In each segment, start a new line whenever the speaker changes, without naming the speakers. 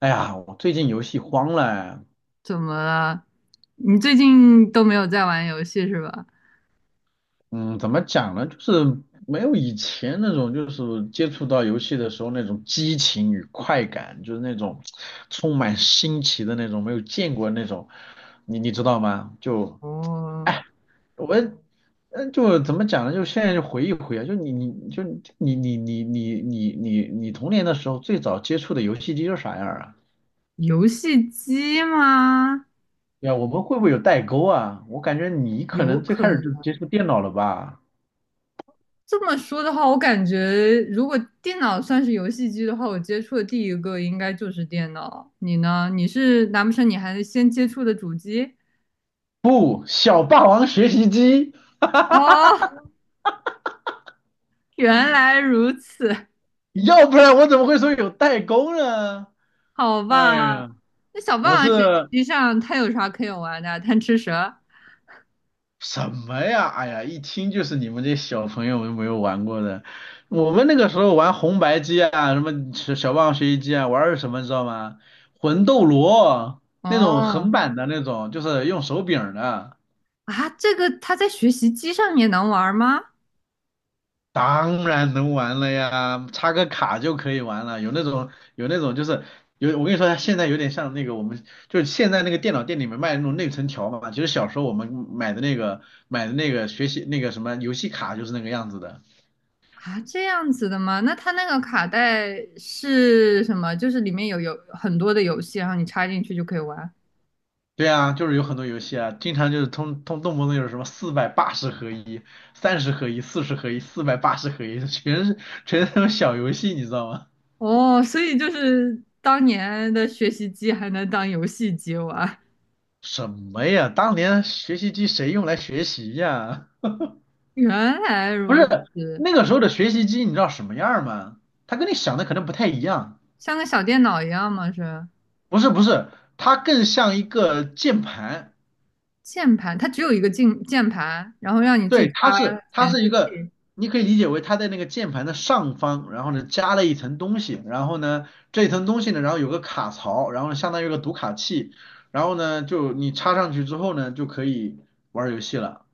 哎呀，我最近游戏荒了哎，
怎么了？你最近都没有在玩游戏是吧？
嗯，怎么讲呢？就是没有以前那种，就是接触到游戏的时候那种激情与快感，就是那种充满新奇的那种，没有见过那种，你知道吗？就，
哦，
哎，我，就怎么讲呢？就现在就回忆回啊，就你童年的时候最早接触的游戏机是啥样啊？
游戏机吗？
对啊，我们会不会有代沟啊？我感觉你可
有
能最
可
开始就
能。
接触电脑了吧？
这么说的话，我感觉如果电脑算是游戏机的话，我接触的第一个应该就是电脑。你呢？你是难不成你还先接触的主机？
不，小霸王学习机，
哦，原来如此，
要不然我怎么会说有代沟呢？
好
哎
吧。
呀，
那小
我
霸
是
王学习机上它有啥可以玩的？贪吃蛇？
什么呀？哎呀，一听就是你们这些小朋友们没有玩过的。我们那个时候玩红白机啊，什么小霸王学习机啊，玩的是什么你知道吗？魂斗罗那种横
哦，
版的那种，就是用手柄的。
啊，这个它在学习机上也能玩吗？
当然能玩了呀，插个卡就可以玩了。有那种有那种就是有，我跟你说，现在有点像那个我们就是现在那个电脑店里面卖的那种内存条嘛。其实小时候我们买的那个学习那个什么游戏卡就是那个样子的。
啊，这样子的吗？那它那个卡带是什么？就是里面有很多的游戏，然后你插进去就可以玩。
对啊，就是有很多游戏啊，经常就是通通动不动就是什么四百八十合一、30合一、40合一、四百八十合一，全是那种小游戏，你知道吗？
哦，所以就是当年的学习机还能当游戏机玩，
什么呀？当年学习机谁用来学习呀？
原来
不
如
是
此，
那个时候的学习机，你知道什么样儿吗？它跟你想的可能不太一样。
像个小电脑一样吗？是
不是不是，它更像一个键盘。
键盘，它只有一个键盘，然后让你自己
对，
插
它是它
显
是一
示
个，
器。
你可以理解为它在那个键盘的上方，然后呢加了一层东西，然后呢这一层东西呢，然后有个卡槽，然后呢相当于一个读卡器，然后呢就你插上去之后呢就可以玩儿游戏了。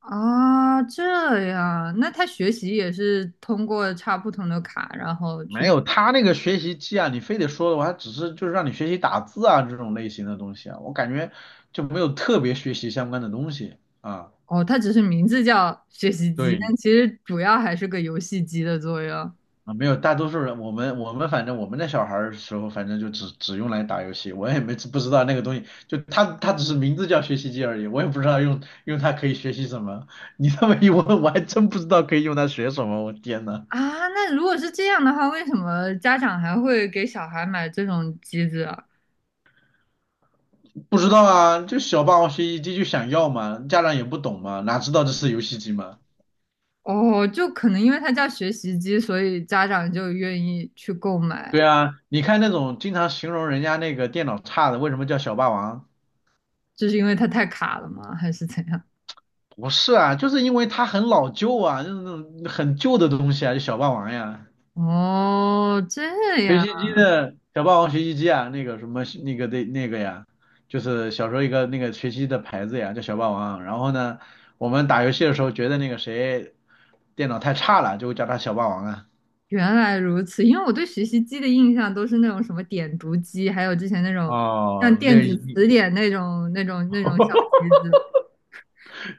啊，这样，那他学习也是通过插不同的卡，然后
没
去
有，他那个学习机啊，你非得说的话，他只是就是让你学习打字啊这种类型的东西啊，我感觉就没有特别学习相关的东西啊。
哦，它只是名字叫学习机，
对
但其实主要还是个游戏机的作用
啊，没有，大多数人我们反正我们那小孩儿的时候，反正就只用来打游戏，我也没不知道那个东西，就他只是名字叫学习机而已，我也不知道用用它可以学习什么。你这么一问，我还真不知道可以用它学什么，我天呐，
啊。那如果是这样的话，为什么家长还会给小孩买这种机子啊？
不知道啊，就小霸王学习机就想要嘛，家长也不懂嘛，哪知道这是游戏机嘛。
哦，就可能因为它叫学习机，所以家长就愿意去购买，
对啊，你看那种经常形容人家那个电脑差的，为什么叫小霸王？
就是因为它太卡了吗？还是怎样？
不是啊，就是因为它很老旧啊，就是那种很旧的东西啊，就小霸王呀，
哦，这
学
样，
习机的小霸王学习机啊，那个什么那个的那个呀，就是小时候一个那个学习机的牌子呀，叫小霸王。然后呢，我们打游戏的时候觉得那个谁电脑太差了，就会叫他小霸王啊。
原来如此。因为我对学习机的印象都是那种什么点读机，还有之前那种像
哦，
电
那
子
已经
词典那种小 机子。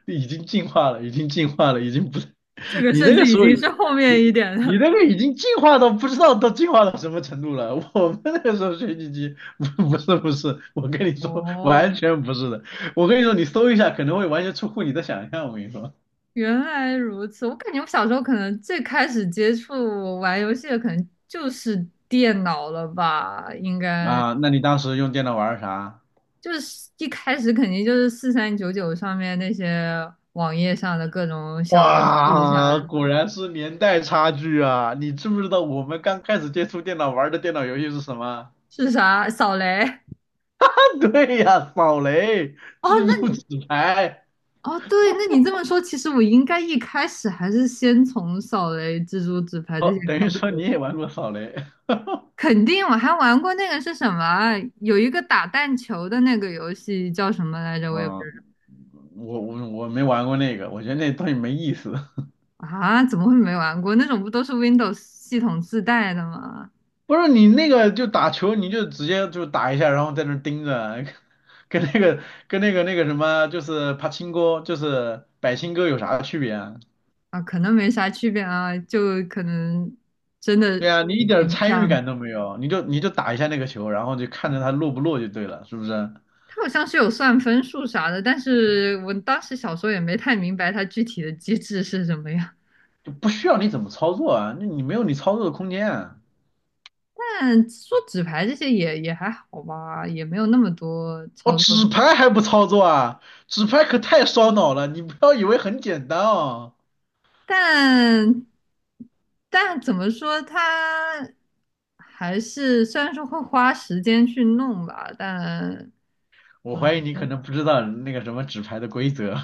已经进化了，已经进化了，已经不。
这 个
你那
甚
个
至
时
已
候
经
已，
是后面
你
一点
你
的。
那个已经进化到不知道都进化到什么程度了。我们那个时候学习机不 不是不是，我跟你说完
哦，
全不是的。我跟你说，你搜一下可能会完全出乎你的想象。我跟你说
原来如此。我感觉我小时候可能最开始接触玩游戏的，可能就是电脑了吧？应该
啊，那你当时用电脑玩儿啥？
就是一开始肯定就是4399上面那些网页上的各种小游戏啥
哇，
的，
果然是年代差距啊！你知不知道我们刚开始接触电脑玩的电脑游戏是什么？
是啥扫雷？
啊，对呀，扫雷、
哦，
蜘
那
蛛
你
纸牌。
哦对，那你这么说，其实我应该一开始还是先从扫雷、蜘蛛、纸牌这些
哦，等
开
于
始。
说你也玩过扫雷。
肯定，我还玩过那个是什么啊有一个打弹球的那个游戏叫什么来着？我也不
嗯，
知
我没玩过那个，我觉得那东西没意思。
道啊，怎么会没玩过？那种不都是 Windows 系统自带的吗？
不是你那个就打球，你就直接就打一下，然后在那儿盯着，跟那个跟那个那个什么，就是帕青哥，就是百青哥有啥区别啊？
啊，可能没啥区别啊，就可能真
对
的
啊，你一点
挺
参与
像
感
的。
都没有，你就打一下那个球，然后就看着它落不落就对了，是不是？
它好像是有算分数啥的，但是我当时小时候也没太明白它具体的机制是什么样。
就不需要你怎么操作啊，那你没有你操作的空间啊。
但说纸牌这些也还好吧，也没有那么多
哦，
操作。
纸牌还不操作啊？纸牌可太烧脑了，你不要以为很简单哦。
但但怎么说，它还是虽然说会花时间去弄吧，但
我
总
怀
觉
疑你可
得
能不知道那个什么纸牌的规则。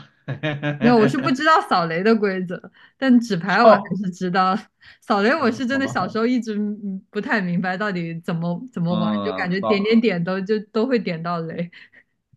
没有，我是不知道 扫雷的规则，但纸牌我还
好，
是知道。扫雷我是
嗯，
真
好
的
吧，
小
好，
时候一直不太明白到底怎么玩，就
嗯，
感觉点点点都就都会点到雷。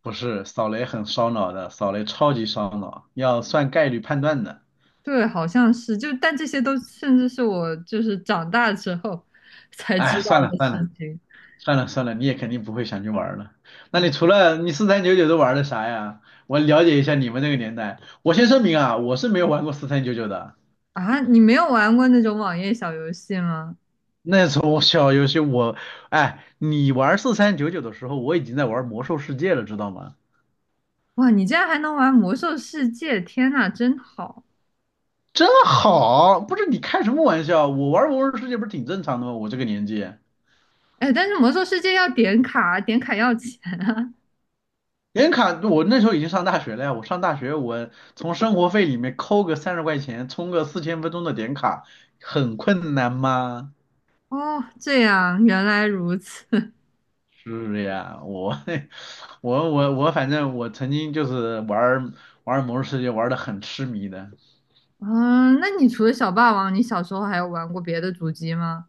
不是，扫雷很烧脑的，扫雷超级烧脑，要算概率判断的。
对，好像是就，但这些都甚至是我就是长大之后 才知
哎，
道
算了
的
算
事
了
情。
算了算了，你也肯定不会想去玩了。那你除了你四三九九都玩的啥呀？我了解一下你们那个年代。我先声明啊，我是没有玩过四三九九的。
啊，你没有玩过那种网页小游戏吗？
那时候我小游戏我，哎，你玩四三九九的时候，我已经在玩魔兽世界了，知道吗？
哇，你竟然还能玩《魔兽世界》，天呐，真好！
真好，不是你开什么玩笑？我玩魔兽世界不是挺正常的吗？我这个年纪，
哎，但是《魔兽世界》要点卡，点卡要钱啊。
点卡，我那时候已经上大学了呀。我上大学，我从生活费里面扣个30块钱，充个4000分钟的点卡，很困难吗？
哦，这样，原来如此。
是呀，我 我我我反正我曾经就是玩儿魔兽世界玩的很痴迷的。
嗯，那你除了小霸王，你小时候还有玩过别的主机吗？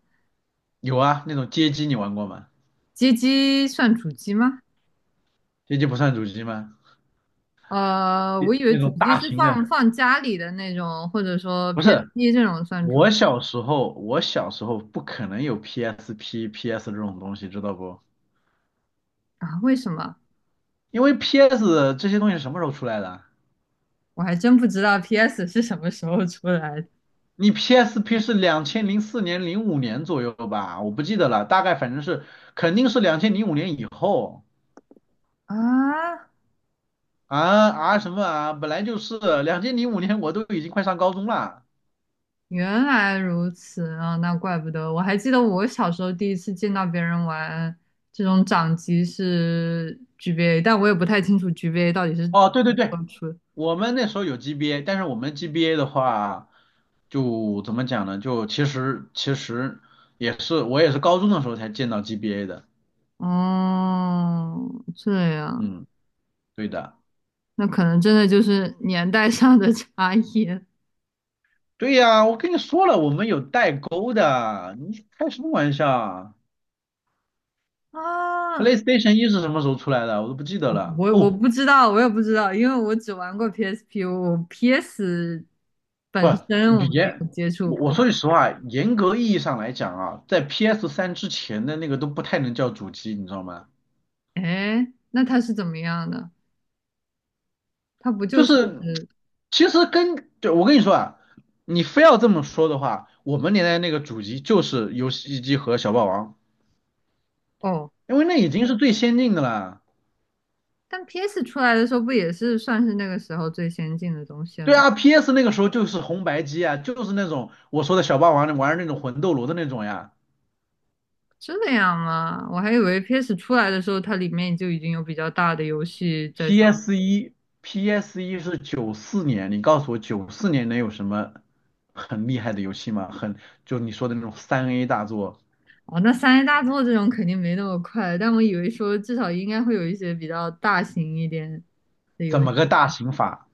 有啊，那种街机你玩过吗？
街机算主机吗？
街机不算主机吗？
呃，
那
我以为
那
主
种
机
大
是
型的，
放家里的那种，或者说
不是。
PSP 这种算主机
我小时候不可能有 PSP、PS 这种东西，知道不？
啊？为什么？
因为 PS 这些东西什么时候出来的？
我还真不知道 PS 是什么时候出来的
你 PSP 是2004年、零五年左右吧？我不记得了，大概反正是肯定是两千零五年以后
啊？
啊啊什么啊，本来就是两千零五年，我都已经快上高中了。
原来如此啊，那怪不得。我还记得我小时候第一次见到别人玩这种掌机是 GBA，但我也不太清楚 GBA 到底是怎
哦，对对对，
么出的
我们那时候有 GBA，但是我们 GBA 的话，就怎么讲呢？就其实也是我也是高中的时候才见到 GBA 的。
哦，这样，
嗯，对的，
那可能真的就是年代上的差异
对呀，我跟你说了，我们有代沟的，你开什么玩笑啊
啊。
？PlayStation 一是什么时候出来的？我都不记得了。
我
哦，
不知道，我也不知道，因为我只玩过 PSP，我 PS
不，
本身我没
严，
有接触
我
过。
说句实话，严格意义上来讲啊，在 p s 三之前的那个都不太能叫主机，你知道吗？
哎，那它是怎么样的？它不
就
就是
是。其实跟，对，我跟你说啊，你非要这么说的话，我们年代那个主机就是游戏机和小霸王，
哦？
因为那已经是最先进的了。
但 PS 出来的时候不也是算是那个时候最先进的东西
对
了吗？
啊，PS 那个时候就是红白机啊，就是那种我说的小霸王玩的那种魂斗罗的那种呀。
这样吗？我还以为 PS 出来的时候，它里面就已经有比较大的游戏在上面。
PS 一，PS 一是九四年，你告诉我九四年能有什么很厉害的游戏吗？就你说的那种三 A 大作，
哦，那三 A 大作这种肯定没那么快，但我以为说至少应该会有一些比较大型一点的
怎
游戏，
么个大刑法？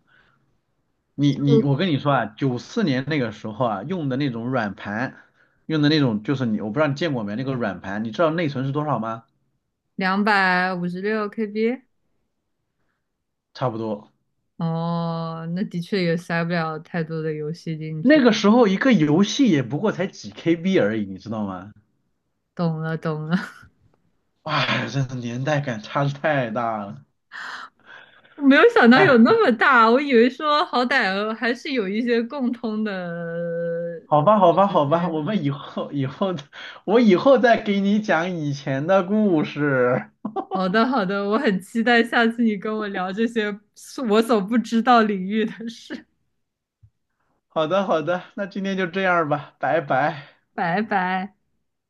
我
就
跟你说啊，九四年那个时候啊，用的那种软盘，用的那种就是你，我不知道你见过没，那个软盘，你知道内存是多少吗？
256 KB。
差不多，
哦，那的确也塞不了太多的游戏进
那
去。
个时候一个游戏也不过才几 KB 而已，你知道吗？
懂了，懂了。
哎，真的年代感差得太大了。
我没有想到
哎，
有那么大，我以为说好歹还是有一些共通的
好吧，好吧，
东
好吧，
西。
我以后再给你讲以前的故事。
好的，好的，我很期待下次你跟我聊这些是我所不知道领域的事。
好的，好的，那今天就这样吧，拜拜。
拜拜。